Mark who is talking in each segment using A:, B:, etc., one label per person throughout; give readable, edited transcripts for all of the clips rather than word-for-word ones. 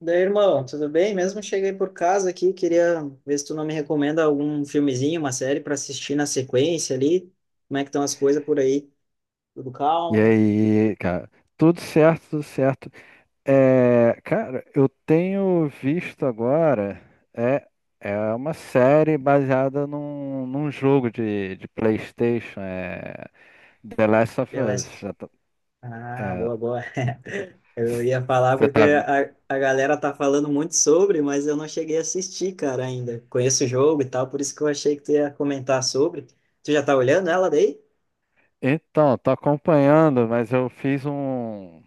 A: Daí, irmão, tudo bem? Mesmo cheguei por casa aqui, queria ver se tu não me recomenda algum filmezinho, uma série para assistir na sequência ali. Como é que estão as coisas por aí? Tudo
B: E
A: calmo?
B: aí, cara? Tudo certo, tudo certo. Cara, eu tenho visto agora é, é uma série baseada num jogo de PlayStation, The Last of Us.
A: Beleza.
B: Já tá-
A: Ah,
B: é,
A: boa, boa. Eu ia falar
B: você
A: porque
B: tá, ve-
A: a galera tá falando muito sobre, mas eu não cheguei a assistir, cara, ainda. Conheço o jogo e tal, por isso que eu achei que tu ia comentar sobre. Tu já tá olhando ela daí?
B: Então, tô acompanhando, mas eu fiz um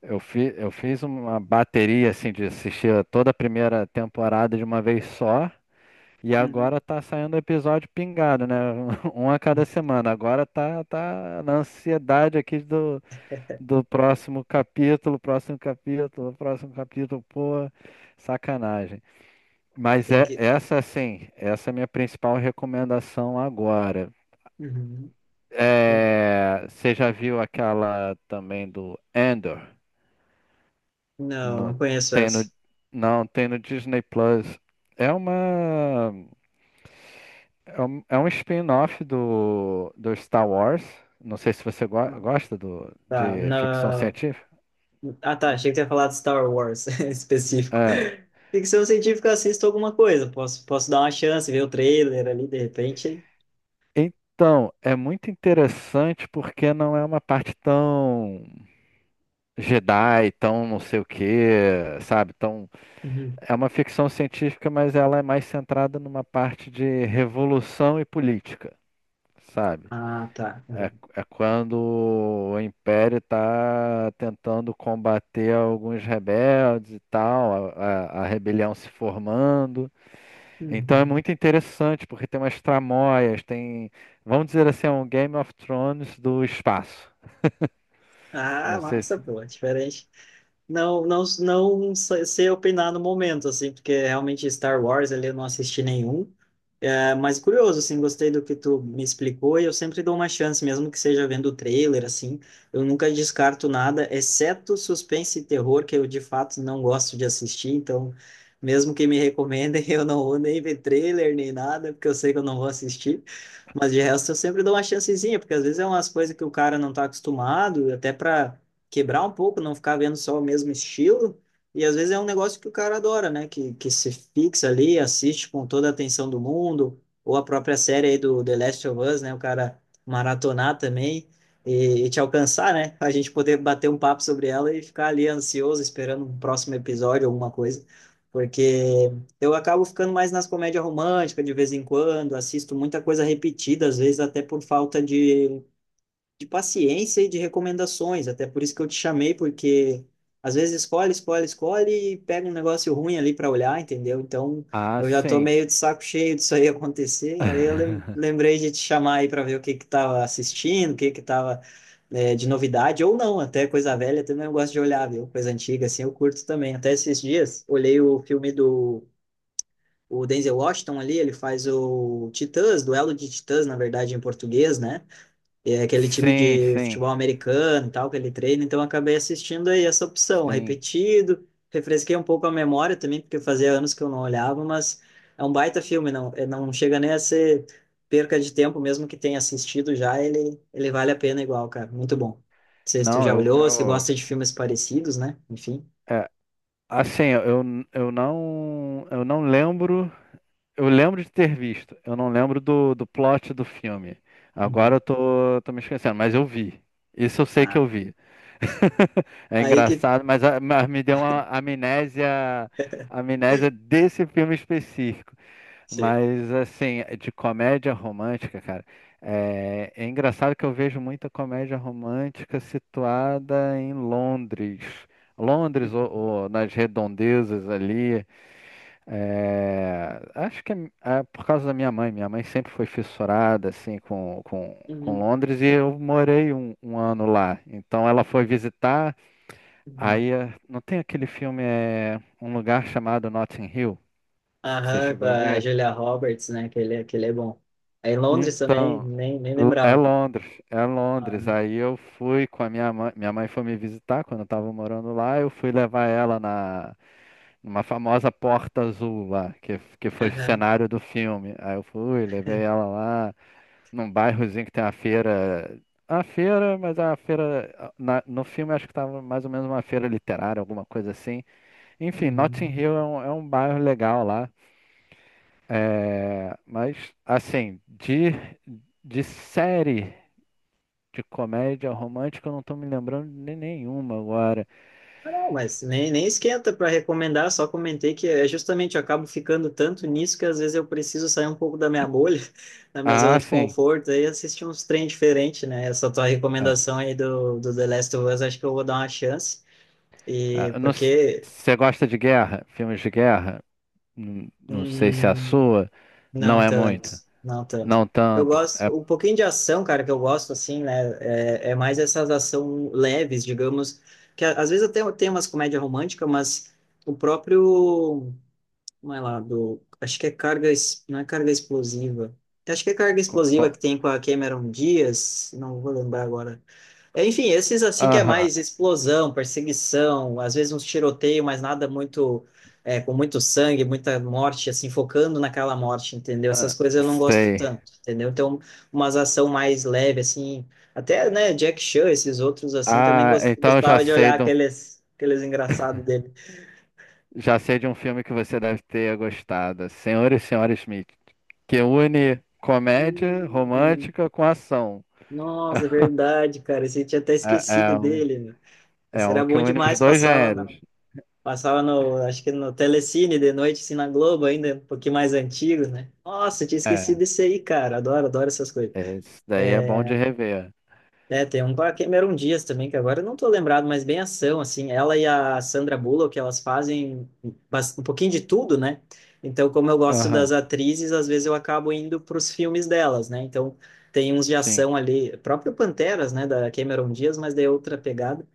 B: eu, fi, eu fiz uma bateria assim de assistir a toda a primeira temporada de uma vez só. E
A: Uhum.
B: agora tá saindo episódio pingado, né? Um a cada semana. Agora tá na ansiedade aqui do próximo capítulo, próximo capítulo, próximo capítulo. Pô, sacanagem. Mas
A: Tem que.
B: essa é a minha principal recomendação agora.
A: Uhum. Tem-
B: É, você já viu aquela também do Andor?
A: Não,
B: No,
A: não conheço
B: tem
A: essa.
B: no, não, Tem no Disney Plus. É uma. É é um spin-off do Star Wars. Não sei se você gosta
A: Tá,
B: de ficção
A: não.
B: científica.
A: Ah, tá. Achei que você ia falar de Star Wars específico.
B: É.
A: Ficção científica, eu assisto alguma coisa. Posso dar uma chance, ver o trailer ali, de repente.
B: Então, é muito interessante porque não é uma parte tão Jedi, tão não sei o quê, sabe?
A: Uhum.
B: É uma ficção científica, mas ela é mais centrada numa parte de revolução e política, sabe?
A: Ah, tá. Uhum.
B: É quando o Império está tentando combater alguns rebeldes e tal, a rebelião se formando. Então é
A: Uhum.
B: muito interessante, porque tem umas tramóias, vamos dizer assim, é um Game of Thrones do espaço. Não
A: Ah,
B: sei
A: massa,
B: se...
A: pô, é diferente. Não, não, não sei opinar no momento, assim, porque realmente Star Wars ali eu não assisti nenhum. É, mas curioso, assim, gostei do que tu me explicou e eu sempre dou uma chance, mesmo que seja vendo o trailer, assim, eu nunca descarto nada, exceto suspense e terror, que eu de fato não gosto de assistir, então, mesmo que me recomendem, eu não vou nem ver trailer nem nada, porque eu sei que eu não vou assistir, mas de resto eu sempre dou uma chancezinha, porque às vezes é umas coisas que o cara não tá acostumado, até para quebrar um pouco, não ficar vendo só o mesmo estilo, e às vezes é um negócio que o cara adora, né? Que se fixa ali, assiste com toda a atenção do mundo, ou a própria série aí do The Last of Us, né? O cara maratonar também e te alcançar, né? A gente poder bater um papo sobre ela e ficar ali ansioso, esperando um próximo episódio, alguma coisa. Porque eu acabo ficando mais nas comédias românticas de vez em quando, assisto muita coisa repetida, às vezes até por falta de paciência e de recomendações. Até por isso que eu te chamei, porque às vezes escolhe, escolhe, escolhe e pega um negócio ruim ali para olhar, entendeu? Então
B: Ah,
A: eu já tô
B: sim.
A: meio de saco cheio disso aí acontecer. Aí eu lem- lembrei de te chamar aí para ver o que que tava assistindo, o que que tava de novidade, ou não, até coisa velha também eu gosto de olhar, viu? Coisa antiga, assim, eu curto também. Até esses dias, olhei o filme do o Denzel Washington ali, ele faz o Titãs, Duelo de Titãs, na verdade, em português, né? E é aquele time
B: Sim,
A: de
B: sim,
A: futebol americano e tal que ele treina, então eu acabei assistindo aí essa opção,
B: sim.
A: repetido, refresquei um pouco a memória também, porque fazia anos que eu não olhava, mas é um baita filme, não, não chega nem a ser perca de tempo, mesmo que tenha assistido já, ele vale a pena igual, cara, muito bom. Não sei se tu
B: Não,
A: já olhou, se
B: eu
A: gosta de filmes parecidos, né? Enfim.
B: é, assim, eu não lembro. Eu lembro de ter visto, eu não lembro do plot do filme. Agora
A: Uhum.
B: eu tô me esquecendo, mas eu vi. Isso eu sei que
A: Ah,
B: eu vi. É
A: aí que...
B: engraçado, mas me deu uma amnésia, amnésia desse filme específico.
A: Sim.
B: Mas assim, de comédia romântica, cara, é engraçado que eu vejo muita comédia romântica situada em Londres. Londres
A: Uhum.
B: ou nas redondezas ali. É, acho que é, é por causa da minha mãe. Minha mãe sempre foi fissurada assim com
A: Uhum.
B: Londres e eu morei um ano lá. Então ela foi visitar.
A: Uhum.
B: Não tem aquele filme, é um lugar chamado Notting Hill. Você
A: Aham, com
B: chegou a
A: a
B: ver?
A: Julia Roberts, né? Que ele é bom. Aí em Londres também,
B: Então,
A: nem
B: É
A: lembrava.
B: Londres, é
A: Ah,
B: Londres. Aí eu fui com a minha mãe foi me visitar quando eu tava morando lá, eu fui levar ela na numa famosa porta azul lá, que foi
A: aham,
B: cenário do filme. Aí eu fui, levei ela lá num bairrozinho que tem uma feira, a feira, mas a feira no filme acho que tava mais ou menos uma feira literária, alguma coisa assim. Enfim, Notting
A: uhum.
B: Hill é é um bairro legal lá. É, mas, assim, de série de comédia romântica, eu não estou me lembrando de nenhuma agora.
A: Ah, não, mas nem esquenta para recomendar, só comentei que é justamente eu acabo ficando tanto nisso que às vezes eu preciso sair um pouco da minha bolha, da minha zona
B: Ah,
A: de
B: sim.
A: conforto, e assistir uns trem diferentes, né? Essa tua
B: Ah,
A: recomendação aí do The Last of Us, acho que eu vou dar uma chance, e
B: ah, não s-
A: porque.
B: Você gosta de guerra? Filmes de guerra? Não sei se é a
A: hum,
B: sua. Não
A: Não
B: é
A: tanto,
B: muito.
A: não tanto.
B: Não
A: Eu
B: tanto.
A: gosto,
B: É.
A: um pouquinho de ação, cara, que eu gosto, assim, né? É mais essas ação leves, digamos, que às vezes até tem umas comédia romântica, mas o próprio, como é lá, do, acho que é carga, não é carga explosiva. Acho que é carga
B: co-
A: explosiva que
B: co-
A: tem com a Cameron Diaz, não vou lembrar agora. Enfim, esses assim que é
B: Aham.
A: mais explosão, perseguição, às vezes uns tiroteio, mas nada muito com muito sangue, muita morte, assim, focando naquela morte, entendeu? Essas
B: Ah,
A: coisas eu não gosto
B: sei.
A: tanto, entendeu? Então, umas ação mais leve, assim, até, né, Jack Chan, esses outros, assim, também
B: Ah,
A: gos-
B: então eu já
A: gostava de
B: sei
A: olhar
B: de um.
A: aqueles, engraçados dele.
B: Já sei de um filme que você deve ter gostado, Senhor e Senhora Smith, que une comédia
A: Uhum.
B: romântica com ação.
A: Nossa, é verdade, cara, esse eu tinha até
B: É,
A: esquecido
B: é um,
A: dele, meu.
B: é
A: Esse
B: um
A: era
B: que
A: bom
B: une os
A: demais,
B: dois
A: passava
B: gêneros.
A: Passava no, acho que no Telecine de noite, assim, na Globo ainda, um pouquinho mais antigo, né? Nossa, tinha
B: É,
A: esquecido desse aí, cara. Adoro, adoro essas coisas.
B: esse daí é bom de rever.
A: É, tem um com a Cameron Diaz também, que agora eu não tô lembrado, mas bem ação, assim. Ela e a Sandra Bullock, elas fazem um pouquinho de tudo, né? Então, como eu gosto
B: Aham,
A: das atrizes, às vezes eu acabo indo pros filmes delas, né? Então, tem uns de
B: sim.
A: ação ali, próprio Panteras, né, da Cameron Diaz, mas de outra pegada.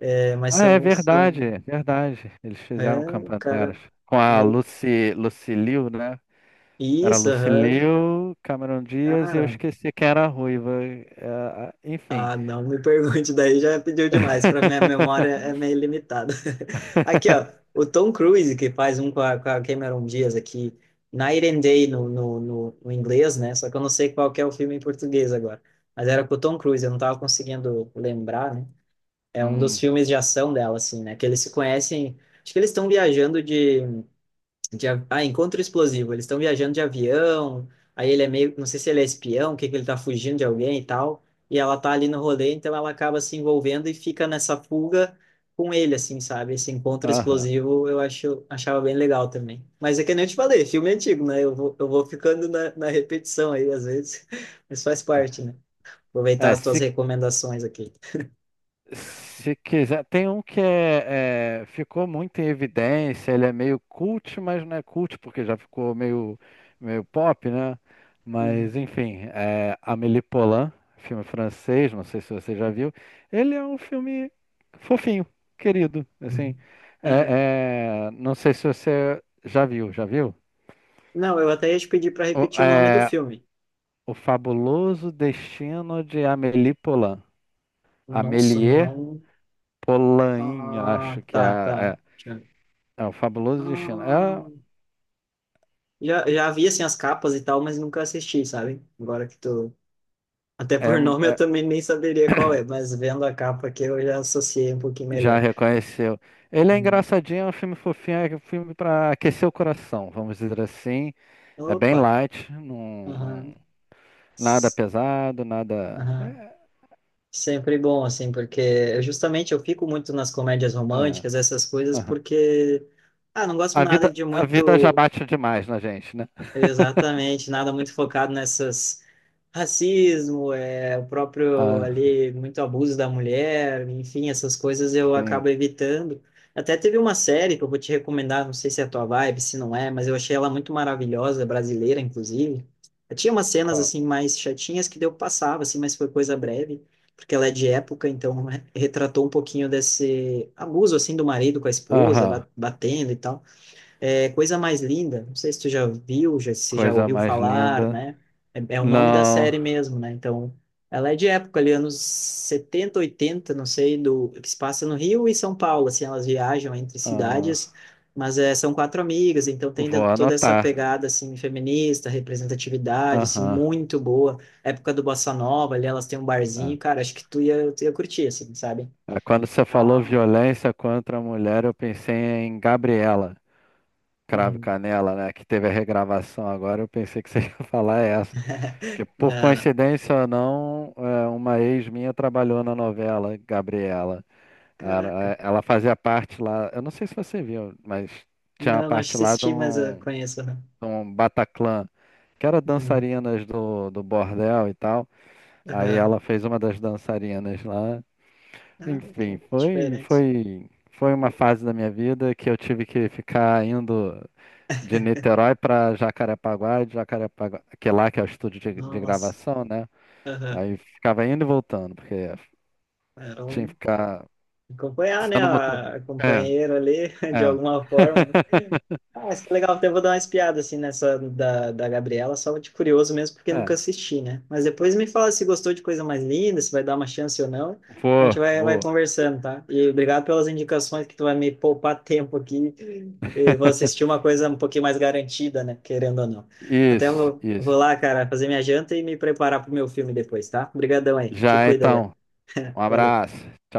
A: É, mas
B: Ah, é
A: são,
B: verdade,
A: são,
B: é verdade. Eles
A: é,
B: fizeram com a Panteras.
A: cara,
B: Com a
A: meio...
B: Lucy, Lucy Liu, né? Era
A: Isso,
B: Lucy
A: aham.
B: Liu, Cameron Diaz e eu
A: Cara,
B: esqueci quem era a ruiva. Enfim.
A: ah, não me pergunte, daí já pediu demais, para minha memória é meio limitada. Aqui, ó, o Tom Cruise, que faz um com a Cameron Diaz aqui, Night and Day no inglês, né? Só que eu não sei qual que é o filme em português agora. Mas era com o Tom Cruise, eu não tava conseguindo lembrar, né? É um dos
B: Hum,
A: filmes de ação dela, assim, né? Que eles se conhecem, acho que eles estão viajando encontro explosivo. Eles estão viajando de avião, aí ele é meio, não sei se ele é espião, o que que ele tá fugindo de alguém e tal, e ela tá ali no rolê, então ela acaba se envolvendo e fica nessa fuga com ele, assim, sabe? Esse encontro
B: aham.
A: explosivo eu acho, achava bem legal também. Mas é que nem eu te falei, filme antigo, né? Eu vou ficando na repetição aí, às vezes, mas faz parte, né? Aproveitar
B: É,
A: as tuas
B: se,
A: recomendações aqui.
B: se quiser. Tem um que ficou muito em evidência, ele é meio cult, mas não é cult, porque já ficou meio, meio pop, né? Mas,
A: Uhum.
B: enfim, é Amélie Poulain, filme francês, não sei se você já viu. Ele é um filme fofinho, querido, assim.
A: Uhum. Aham.
B: Não sei se você já viu, já viu?
A: Não, eu até ia te pedir para
B: O,
A: repetir o nome do
B: é,
A: filme.
B: O Fabuloso Destino de Amélie Poulain.
A: Nossa,
B: Amélie
A: não.
B: Polain,
A: Ah,
B: acho que é,
A: tá, tá.
B: é, é o Fabuloso Destino.
A: Ah, já vi assim as capas e tal, mas nunca assisti, sabe? Agora que tu. Até
B: É,
A: por nome eu
B: é-
A: também nem saberia qual é, mas vendo a capa aqui eu já associei um pouquinho
B: Já
A: melhor.
B: reconheceu. Ele é
A: Hum.
B: engraçadinho, é um filme fofinho, é um filme para aquecer o coração, vamos dizer assim. É bem
A: Opa!
B: light,
A: Aham.
B: nada
A: S-
B: pesado, nada.
A: Aham. Sempre bom, assim, porque justamente eu fico muito nas comédias
B: é, é,
A: românticas, essas coisas,
B: aham.
A: porque. Ah, não gosto nada de
B: A vida já
A: muito.
B: bate demais na gente, né?
A: Exatamente, nada muito focado nessas racismo, é o próprio
B: Ah,
A: ali muito abuso da mulher, enfim, essas coisas eu
B: sim.
A: acabo evitando. Até teve uma série que eu vou te recomendar, não sei se é a tua vibe, se não é, mas eu achei ela muito maravilhosa, brasileira inclusive. Tinha umas cenas
B: Qual?
A: assim mais chatinhas que deu passava assim, mas foi coisa breve, porque ela é de época, então retratou um pouquinho desse abuso assim do marido com a esposa,
B: Aham.
A: batendo e tal. É Coisa Mais Linda, não sei se tu já viu, já, se já
B: Coisa
A: ouviu
B: mais
A: falar,
B: linda.
A: né? É o nome da
B: Não.
A: série mesmo, né? Então, ela é de época ali, anos 70, 80 não sei, do que se passa no Rio e São Paulo, assim, elas viajam entre cidades,
B: Ah,
A: mas são quatro amigas, então tem
B: vou
A: toda essa
B: anotar.
A: pegada, assim, feminista, representatividade, assim,
B: Aham.
A: muito boa. Época do Bossa Nova, ali elas têm um
B: É.
A: barzinho, cara, acho que tu ia curtir, assim, sabe?
B: É, quando você falou
A: Não,
B: violência contra a mulher, eu pensei em Gabriela Cravo e
A: uhum.
B: Canela, né? Que teve a regravação agora. Eu pensei que você ia falar essa. Porque, por
A: Ah,
B: coincidência ou não, uma ex minha trabalhou na novela Gabriela.
A: caraca.
B: Ela fazia parte lá. Eu não sei se você viu, mas tinha uma
A: Não, não
B: parte lá de
A: assisti, mas eu conheço. Aham.
B: de um Bataclan, que era
A: Uhum.
B: dançarinas do bordel e tal. Aí
A: Aham.
B: ela fez uma das dançarinas lá.
A: Ah,
B: Enfim,
A: que diferente.
B: foi uma fase da minha vida que eu tive que ficar indo de Niterói para Jacarepaguá, e de Jacarepaguá, que lá que é o estúdio de
A: Nossa.
B: gravação, né?
A: Aham.
B: Aí ficava indo e voltando, porque
A: Era
B: tinha
A: um...
B: que ficar
A: Acompanhar, né?
B: sendo
A: A
B: motorista. É,
A: companheira ali, de
B: é.
A: alguma forma, né? Ah, mas que legal, até vou dar uma espiada assim nessa da Gabriela, só de curioso mesmo, porque nunca
B: É,
A: assisti, né? Mas depois me fala se gostou de Coisa Mais Linda, se vai dar uma chance ou não. A gente vai
B: vou.
A: conversando, tá? E obrigado pelas indicações que tu vai me poupar tempo aqui. E vou assistir uma coisa um pouquinho mais garantida, né? Querendo ou não. Até vou
B: Isso.
A: lá, cara, fazer minha janta e me preparar pro meu filme depois, tá? Obrigadão aí. Te
B: Já
A: cuida, velho.
B: então, um
A: Valeu.
B: abraço. Tchau.